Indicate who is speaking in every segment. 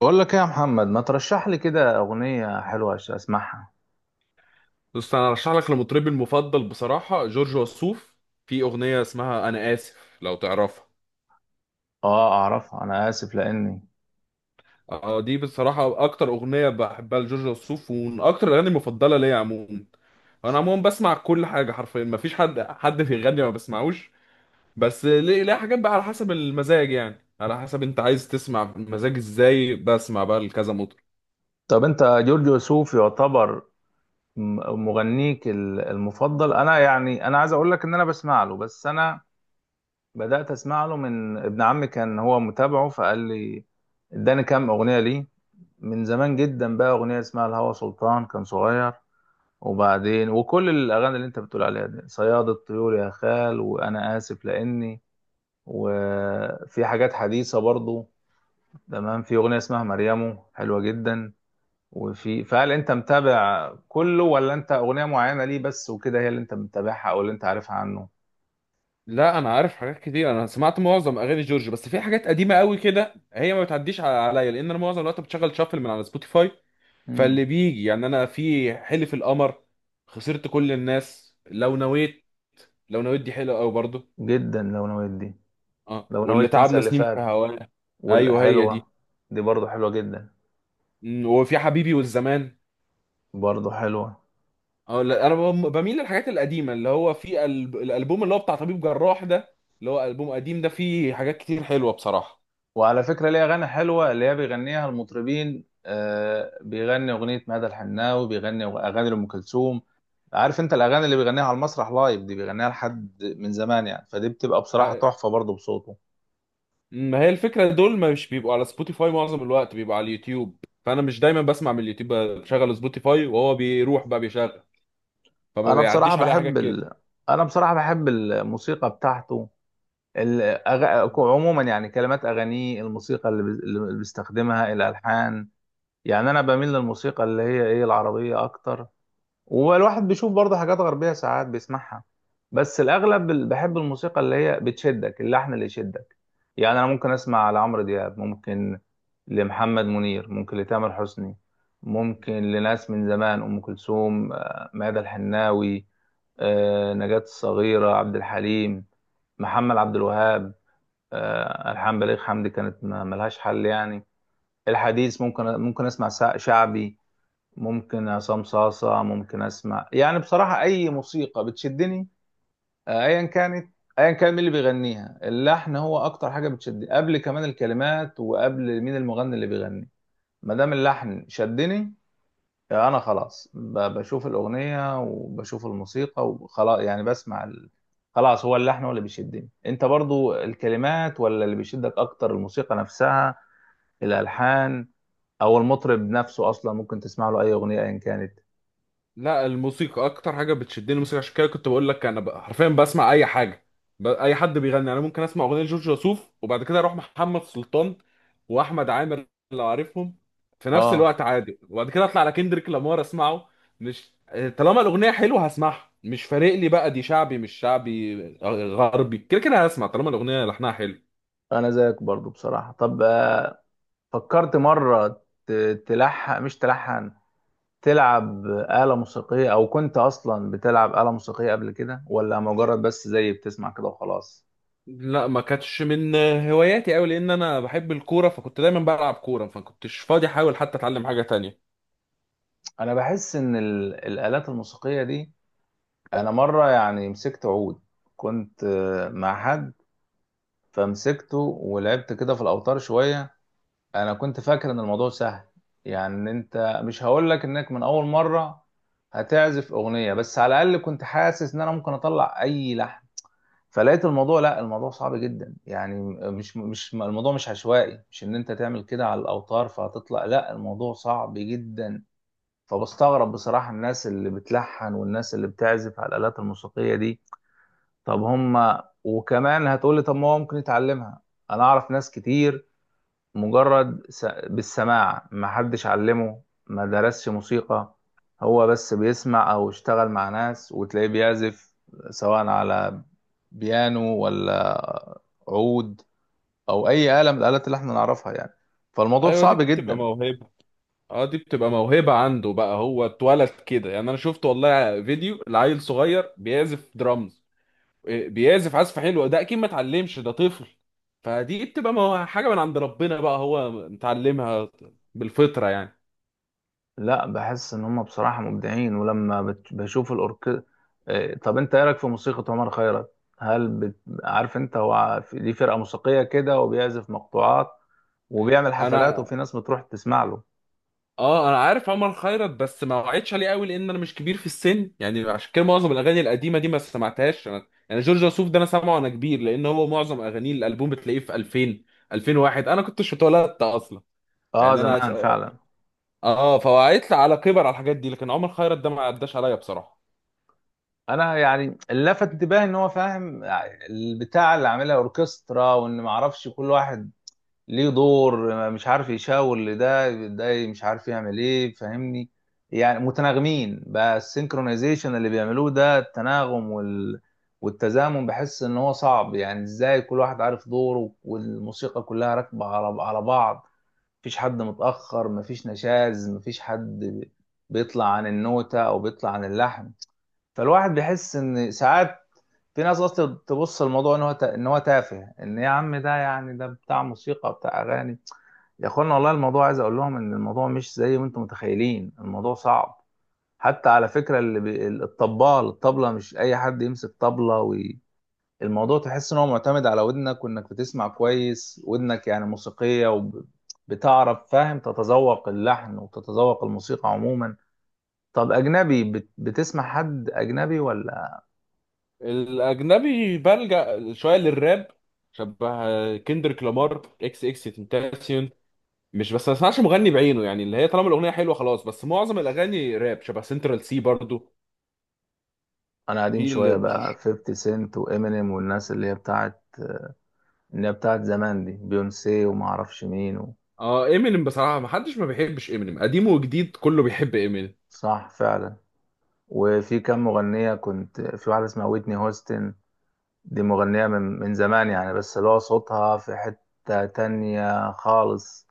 Speaker 1: بقول لك ايه يا محمد، ما ترشح لي كده اغنيه حلوه عشان اسمعها؟
Speaker 2: بص، انا ارشح لك لمطربي المفضل بصراحه جورج وسوف. في اغنيه اسمها انا اسف، لو تعرفها.
Speaker 1: اه، اعرفها، انا اسف لاني.
Speaker 2: اه، دي بصراحه اكتر اغنيه بحبها لجورج وسوف، ومن اكتر الاغاني المفضله ليا عموما. انا عموما بسمع كل حاجه حرفيا، مفيش حد بيغني ما بسمعوش. بس ليه حاجات بقى على حسب المزاج، يعني على حسب انت عايز تسمع مزاج ازاي بسمع بقى لكذا مطرب.
Speaker 1: طب انت جورج وسوف يعتبر مغنيك المفضل. انا يعني انا عايز اقول لك ان انا بسمع له، بس انا بدات اسمع له من ابن عمي، كان هو متابعه فقال لي، اداني كام اغنيه ليه من زمان جدا. بقى اغنيه اسمها الهوى سلطان كان صغير، وبعدين وكل الاغاني اللي انت بتقول عليها دي، صياد الطيور، يا خال، وانا اسف لاني، وفي حاجات حديثة برضو. تمام، في أغنية اسمها مريمو حلوة جدا. وفي، فهل أنت متابع كله ولا أنت أغنية معينة ليه بس وكده هي اللي أنت متابعها أو اللي أنت عارفها عنه؟
Speaker 2: لا، انا عارف حاجات كتير، انا سمعت معظم اغاني جورج، بس في حاجات قديمه قوي كده هي ما بتعديش عليا، لان انا معظم الوقت بتشغل شافل من على سبوتيفاي.
Speaker 1: مم.
Speaker 2: فاللي بيجي يعني، انا في حلف القمر، خسرت كل الناس، لو نويت. لو نويت دي حلوه قوي برضو.
Speaker 1: جدا، لو نويت دي.
Speaker 2: اه،
Speaker 1: لو
Speaker 2: واللي
Speaker 1: نويت تنسى
Speaker 2: تعبنا
Speaker 1: اللي
Speaker 2: سنين في
Speaker 1: فات،
Speaker 2: هواه. ايوه هي
Speaker 1: والحلوة،
Speaker 2: دي.
Speaker 1: دي برضو حلوة جدا،
Speaker 2: وفي حبيبي والزمان.
Speaker 1: برضو حلوة.
Speaker 2: اه لا، بميل للحاجات القديمه، اللي هو في الالبوم اللي هو بتاع طبيب جراح ده، اللي هو البوم قديم، ده فيه حاجات كتير حلوه بصراحه.
Speaker 1: وعلى فكرة ليه أغاني حلوة اللي هي بيغنيها المطربين، بيغني أغنية مدى الحناوي، بيغني أغاني لأم كلثوم. عارف انت الاغاني اللي بيغنيها على المسرح لايف دي بيغنيها لحد من زمان يعني، فدي بتبقى بصراحه
Speaker 2: ع-
Speaker 1: تحفه برضه بصوته.
Speaker 2: ما هي الفكره، دول مش بيبقوا على سبوتيفاي، معظم الوقت بيبقوا على اليوتيوب. فانا مش دايما بسمع من اليوتيوب، بشغل سبوتيفاي وهو بيروح بقى بيشغل، فما
Speaker 1: انا بصراحه
Speaker 2: بيعديش عليها
Speaker 1: بحب
Speaker 2: حاجات كده.
Speaker 1: ال... انا بصراحه بحب الموسيقى بتاعته. عموما يعني كلمات اغانيه، الموسيقى اللي، اللي بيستخدمها، الالحان. يعني انا بميل للموسيقى اللي هي ايه العربيه اكتر، والواحد بيشوف برضه حاجات غربية ساعات بيسمعها. بس الأغلب بحب الموسيقى اللي هي بتشدك، اللحن اللي يشدك. يعني أنا ممكن أسمع لعمرو دياب، ممكن لمحمد منير، ممكن لتامر حسني، ممكن لناس من زمان، أم كلثوم، ميادة الحناوي، نجاة الصغيرة، عبد الحليم، محمد عبد الوهاب، ألحان بليغ حمدي كانت ملهاش حل يعني. الحديث ممكن أسمع شعبي، ممكن عصام صاصة، ممكن اسمع يعني بصراحة اي موسيقى بتشدني، ايا كانت، ايا كان مين اللي بيغنيها، اللحن هو اكتر حاجة بتشدني قبل كمان الكلمات، وقبل مين المغني اللي بيغني. ما دام اللحن شدني، انا خلاص بشوف الاغنية وبشوف الموسيقى وخلاص، يعني بسمع خلاص هو اللحن هو اللي بيشدني. انت برضو الكلمات ولا اللي بيشدك اكتر، الموسيقى نفسها، الالحان، او المطرب نفسه اصلا ممكن تسمع له اي اغنية ايا كانت؟
Speaker 2: لا، الموسيقى اكتر حاجه بتشدني الموسيقى، عشان كده كنت بقول لك انا حرفيا بسمع اي حاجه. اي حد بيغني، يعني انا ممكن اسمع اغنيه جورج وسوف وبعد كده اروح محمد سلطان واحمد عامر لو عارفهم، في نفس
Speaker 1: اه،
Speaker 2: الوقت عادي، وبعد كده اطلع على كندريك لامار اسمعه. مش، طالما الاغنيه حلوه هسمعها، مش فارق لي بقى دي شعبي مش شعبي غربي، كده كده هسمع طالما الاغنيه لحنها حلو.
Speaker 1: انا زيك برضو بصراحة. طب فكرت مرة تلحن؟ مش تلحن، تلعب آلة موسيقية، او كنت اصلا بتلعب آلة موسيقية قبل كده، ولا مجرد بس زي بتسمع كده وخلاص؟
Speaker 2: لا، ما كانتش من هواياتي قوي، لان انا بحب الكوره فكنت دايما بلعب كوره، فما كنتش فاضي احاول حتى اتعلم حاجه تانية.
Speaker 1: انا بحس ان الآلات الموسيقية دي، انا مرة يعني مسكت عود، كنت مع حد، فمسكته ولعبت كده في الاوتار شوية. انا كنت فاكر ان الموضوع سهل، يعني إن انت، مش هقول لك انك من اول مره هتعزف اغنيه، بس على الاقل كنت حاسس ان انا ممكن اطلع اي لحن. فلقيت الموضوع، لا، الموضوع صعب جدا يعني، مش الموضوع مش عشوائي، مش ان انت تعمل كده على الاوتار فهتطلع، لا، الموضوع صعب جدا. فبستغرب بصراحه الناس اللي بتلحن والناس اللي بتعزف على الالات الموسيقيه دي. طب هم، وكمان هتقولي طب ما هو ممكن يتعلمها. انا اعرف ناس كتير، مجرد بالسماع، ما حدش علمه، ما درسش موسيقى، هو بس بيسمع او اشتغل مع ناس وتلاقيه بيعزف، سواء على بيانو، ولا عود، او اي آلة من الآلات اللي احنا نعرفها يعني، فالموضوع
Speaker 2: ايوه، دي
Speaker 1: صعب
Speaker 2: بتبقى
Speaker 1: جدا.
Speaker 2: موهبه. اه، دي بتبقى موهبه عنده بقى، هو اتولد كده، يعني انا شفت والله فيديو لعيل صغير بيعزف درامز. إيه، بيعزف عزف حلو، ده اكيد ما اتعلمش، ده طفل. فدي بتبقى حاجه من عند ربنا بقى، هو متعلمها بالفطره يعني.
Speaker 1: لا، بحس ان هم بصراحه مبدعين، ولما بشوف الاورك، طب انت ايه رايك في موسيقى عمر خيرت؟ هل عارف انت هو ليه فرقه موسيقيه كده وبيعزف مقطوعات وبيعمل حفلات
Speaker 2: انا
Speaker 1: وفي ناس بتروح تسمع له؟
Speaker 2: اه، انا عارف عمر خيرت، بس ما وعدتش عليه قوي، لان انا مش كبير في السن يعني، عشان كده معظم الاغاني القديمه دي ما سمعتهاش انا، يعني جورج وسوف ده انا سامعه وانا كبير، لان هو معظم اغانيه الالبوم بتلاقيه في 2000، 2001 انا كنتش اتولدت اصلا.
Speaker 1: اه،
Speaker 2: يعني انا س-
Speaker 1: زمان فعلا.
Speaker 2: اه آه، فهو هيطلع على كبر على الحاجات دي، لكن عمر خيرت ده ما عداش عليا بصراحه.
Speaker 1: انا يعني اللي لفت انتباهي ان هو فاهم، البتاع اللي عاملها اوركسترا، وان ما اعرفش كل واحد ليه دور، مش عارف يشاور لده، ده مش عارف يعمل ايه، فاهمني؟ يعني متناغمين بقى، السينكرونايزيشن اللي بيعملوه ده، التناغم والتزامن، بحس ان هو صعب يعني. ازاي كل واحد عارف دوره والموسيقى كلها راكبة على بعض؟ مفيش حد متأخر، مفيش نشاز، مفيش حد بيطلع عن النوتة او بيطلع عن اللحن. فالواحد بيحس ان ساعات في ناس اصلا تبص الموضوع ان هو ان هو تافه، ان يا عم ده، يعني ده بتاع موسيقى، بتاع اغاني، يا اخوانا، والله الموضوع، عايز اقول لهم ان الموضوع مش زي ما انتم متخيلين، الموضوع صعب. حتى على فكره اللي الطبال، الطبله مش اي حد يمسك طبله الموضوع تحس ان هو معتمد على ودنك، وانك بتسمع كويس، ودنك يعني موسيقيه، وبتعرف فاهم تتذوق اللحن وتتذوق الموسيقى عموما. طب اجنبي، بتسمع حد اجنبي ولا؟
Speaker 2: الاجنبي بلجأ شويه للراب، شبه كندريك لامار، اكس اكس تنتاسيون. مش بس، ما اسمعش مغني بعينه يعني، اللي هي طالما الاغنيه حلوه خلاص، بس معظم الاغاني راب شبه سنترال سي برضو.
Speaker 1: انا قديم
Speaker 2: هي اللي
Speaker 1: شويه بقى،
Speaker 2: مش،
Speaker 1: 50 سنت وامينيم والناس اللي هي بتاعت، اللي هي بتاعت زمان دي، بيونسي وما اعرفش مين
Speaker 2: اه امينيم بصراحه، ما حدش ما بيحبش امينيم، قديم وجديد كله بيحب امينيم.
Speaker 1: صح فعلا. وفي كام مغنية، كنت في واحدة اسمها ويتني هوستن، دي مغنية من زمان يعني، بس اللي هو صوتها في حتة تانية خالص.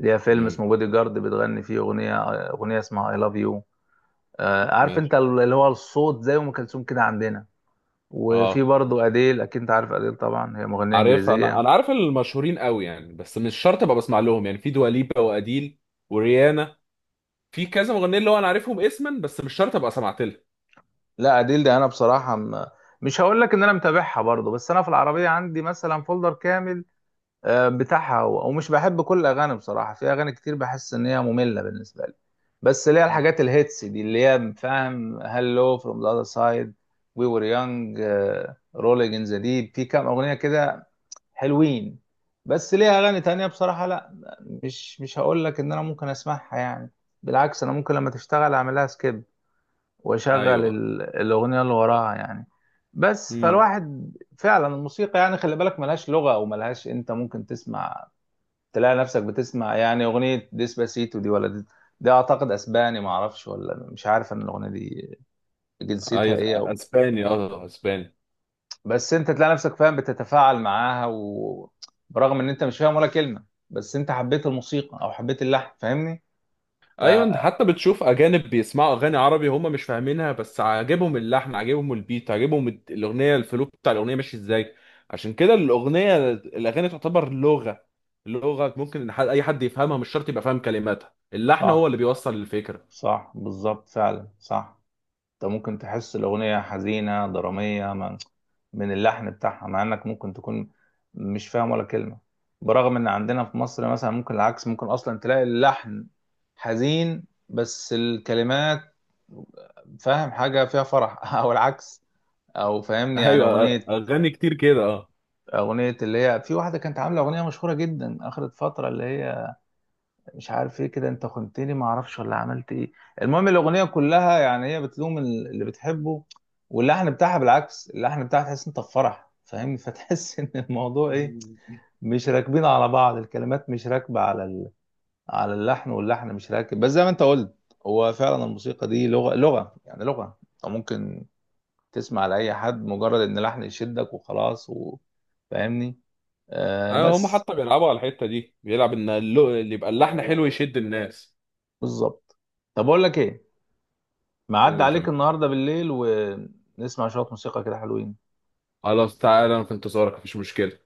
Speaker 1: ليها فيلم
Speaker 2: مم،
Speaker 1: اسمه بودي جارد بتغني فيه أغنية اسمها I love you، عارف انت
Speaker 2: ماشي.
Speaker 1: اللي هو الصوت زي أم كلثوم كده عندنا. وفي
Speaker 2: اه
Speaker 1: برضه أديل، أكيد انت عارف أديل طبعا، هي مغنية
Speaker 2: عارف، انا
Speaker 1: إنجليزية.
Speaker 2: عارف المشهورين قوي يعني، بس مش شرط ابقى بسمع لهم، يعني في دواليبا واديل وريانا. في كذا مغنيين اللي هو انا عارفهم اسما، بس مش شرط ابقى سمعت لهم.
Speaker 1: لا، أديل ده أنا بصراحة مش هقول لك إن أنا متابعها برضه، بس أنا في العربية عندي مثلا فولدر كامل، بتاعها هو. ومش بحب كل اغاني بصراحه، في اغاني كتير بحس ان هي ممله بالنسبه لي، بس اللي هي
Speaker 2: مم.
Speaker 1: الحاجات الهيتس دي، اللي هي فاهم، هالو، فروم ذا اذر سايد، وي وير يونج، رولينج ان ذا ديب، في كام اغنيه كده حلوين. بس ليها اغاني تانية بصراحه لا، مش هقول لك ان انا ممكن اسمعها يعني. بالعكس انا ممكن لما تشتغل اعملها سكيب، واشغل
Speaker 2: ايوه.
Speaker 1: الاغنيه اللي وراها يعني، بس
Speaker 2: امم.
Speaker 1: فالواحد. فعلا الموسيقى يعني خلي بالك ملهاش لغة، او ملهاش، انت ممكن تسمع، تلاقي نفسك بتسمع يعني اغنيه ديسباسيتو دي، ولا دي، دي اعتقد اسباني، ما اعرفش، ولا مش عارف ان الاغنيه دي جنسيتها
Speaker 2: ايوه
Speaker 1: ايه أو.
Speaker 2: اسباني، اه اسباني.
Speaker 1: بس انت تلاقي نفسك فاهم بتتفاعل معاها، وبرغم ان انت مش فاهم ولا كلمه، بس انت حبيت الموسيقى او حبيت اللحن، فاهمني ف-
Speaker 2: ايوه، انت حتى بتشوف اجانب بيسمعوا اغاني عربي هم مش فاهمينها، بس عاجبهم اللحن، عاجبهم البيت، عاجبهم الاغنيه، الفلو بتاع الاغنيه ماشي ازاي. عشان كده الاغنيه، الاغاني تعتبر لغه، لغه ممكن إن اي حد يفهمها، مش شرط يبقى فاهم كلماتها، اللحن هو
Speaker 1: صح،
Speaker 2: اللي بيوصل الفكره.
Speaker 1: صح، بالظبط، فعلا صح. انت ممكن تحس الاغنيه حزينه دراميه من اللحن بتاعها، مع انك ممكن تكون مش فاهم ولا كلمه. برغم ان عندنا في مصر مثلا ممكن العكس، ممكن اصلا تلاقي اللحن حزين بس الكلمات فاهم حاجه فيها فرح او العكس، او فاهمني يعني
Speaker 2: ايوه
Speaker 1: اغنيه
Speaker 2: اغاني كتير كده، اه.
Speaker 1: اغنيه اللي هي في واحده كانت عامله اغنيه مشهوره جدا اخر فتره، اللي هي مش عارف ايه كده، انت خنتني، ما اعرفش ولا عملت ايه. المهم الاغنيه كلها يعني هي بتلوم اللي بتحبه، واللحن بتاعها بالعكس، اللحن بتاعها تحس انت في فرح، فاهمني، فتحس ان الموضوع ايه، مش راكبين على بعض، الكلمات مش راكبه على اللحن، واللحن مش راكب، بس زي ما انت قلت، هو فعلا الموسيقى دي لغه يعني لغه، انت ممكن تسمع لاي حد، مجرد ان لحن يشدك وخلاص فاهمني، آه
Speaker 2: ايوه، هم
Speaker 1: بس،
Speaker 2: حتى بيلعبوا على الحته دي، بيلعب ان اللي يبقى اللحن حلو يشد الناس.
Speaker 1: بالظبط. طب اقول لك ايه، معدي
Speaker 2: قول
Speaker 1: عليك
Speaker 2: تمام.
Speaker 1: النهارده بالليل، ونسمع شويه موسيقى كده حلوين.
Speaker 2: خلاص، تعالى انا في انتظارك، مفيش مشكله.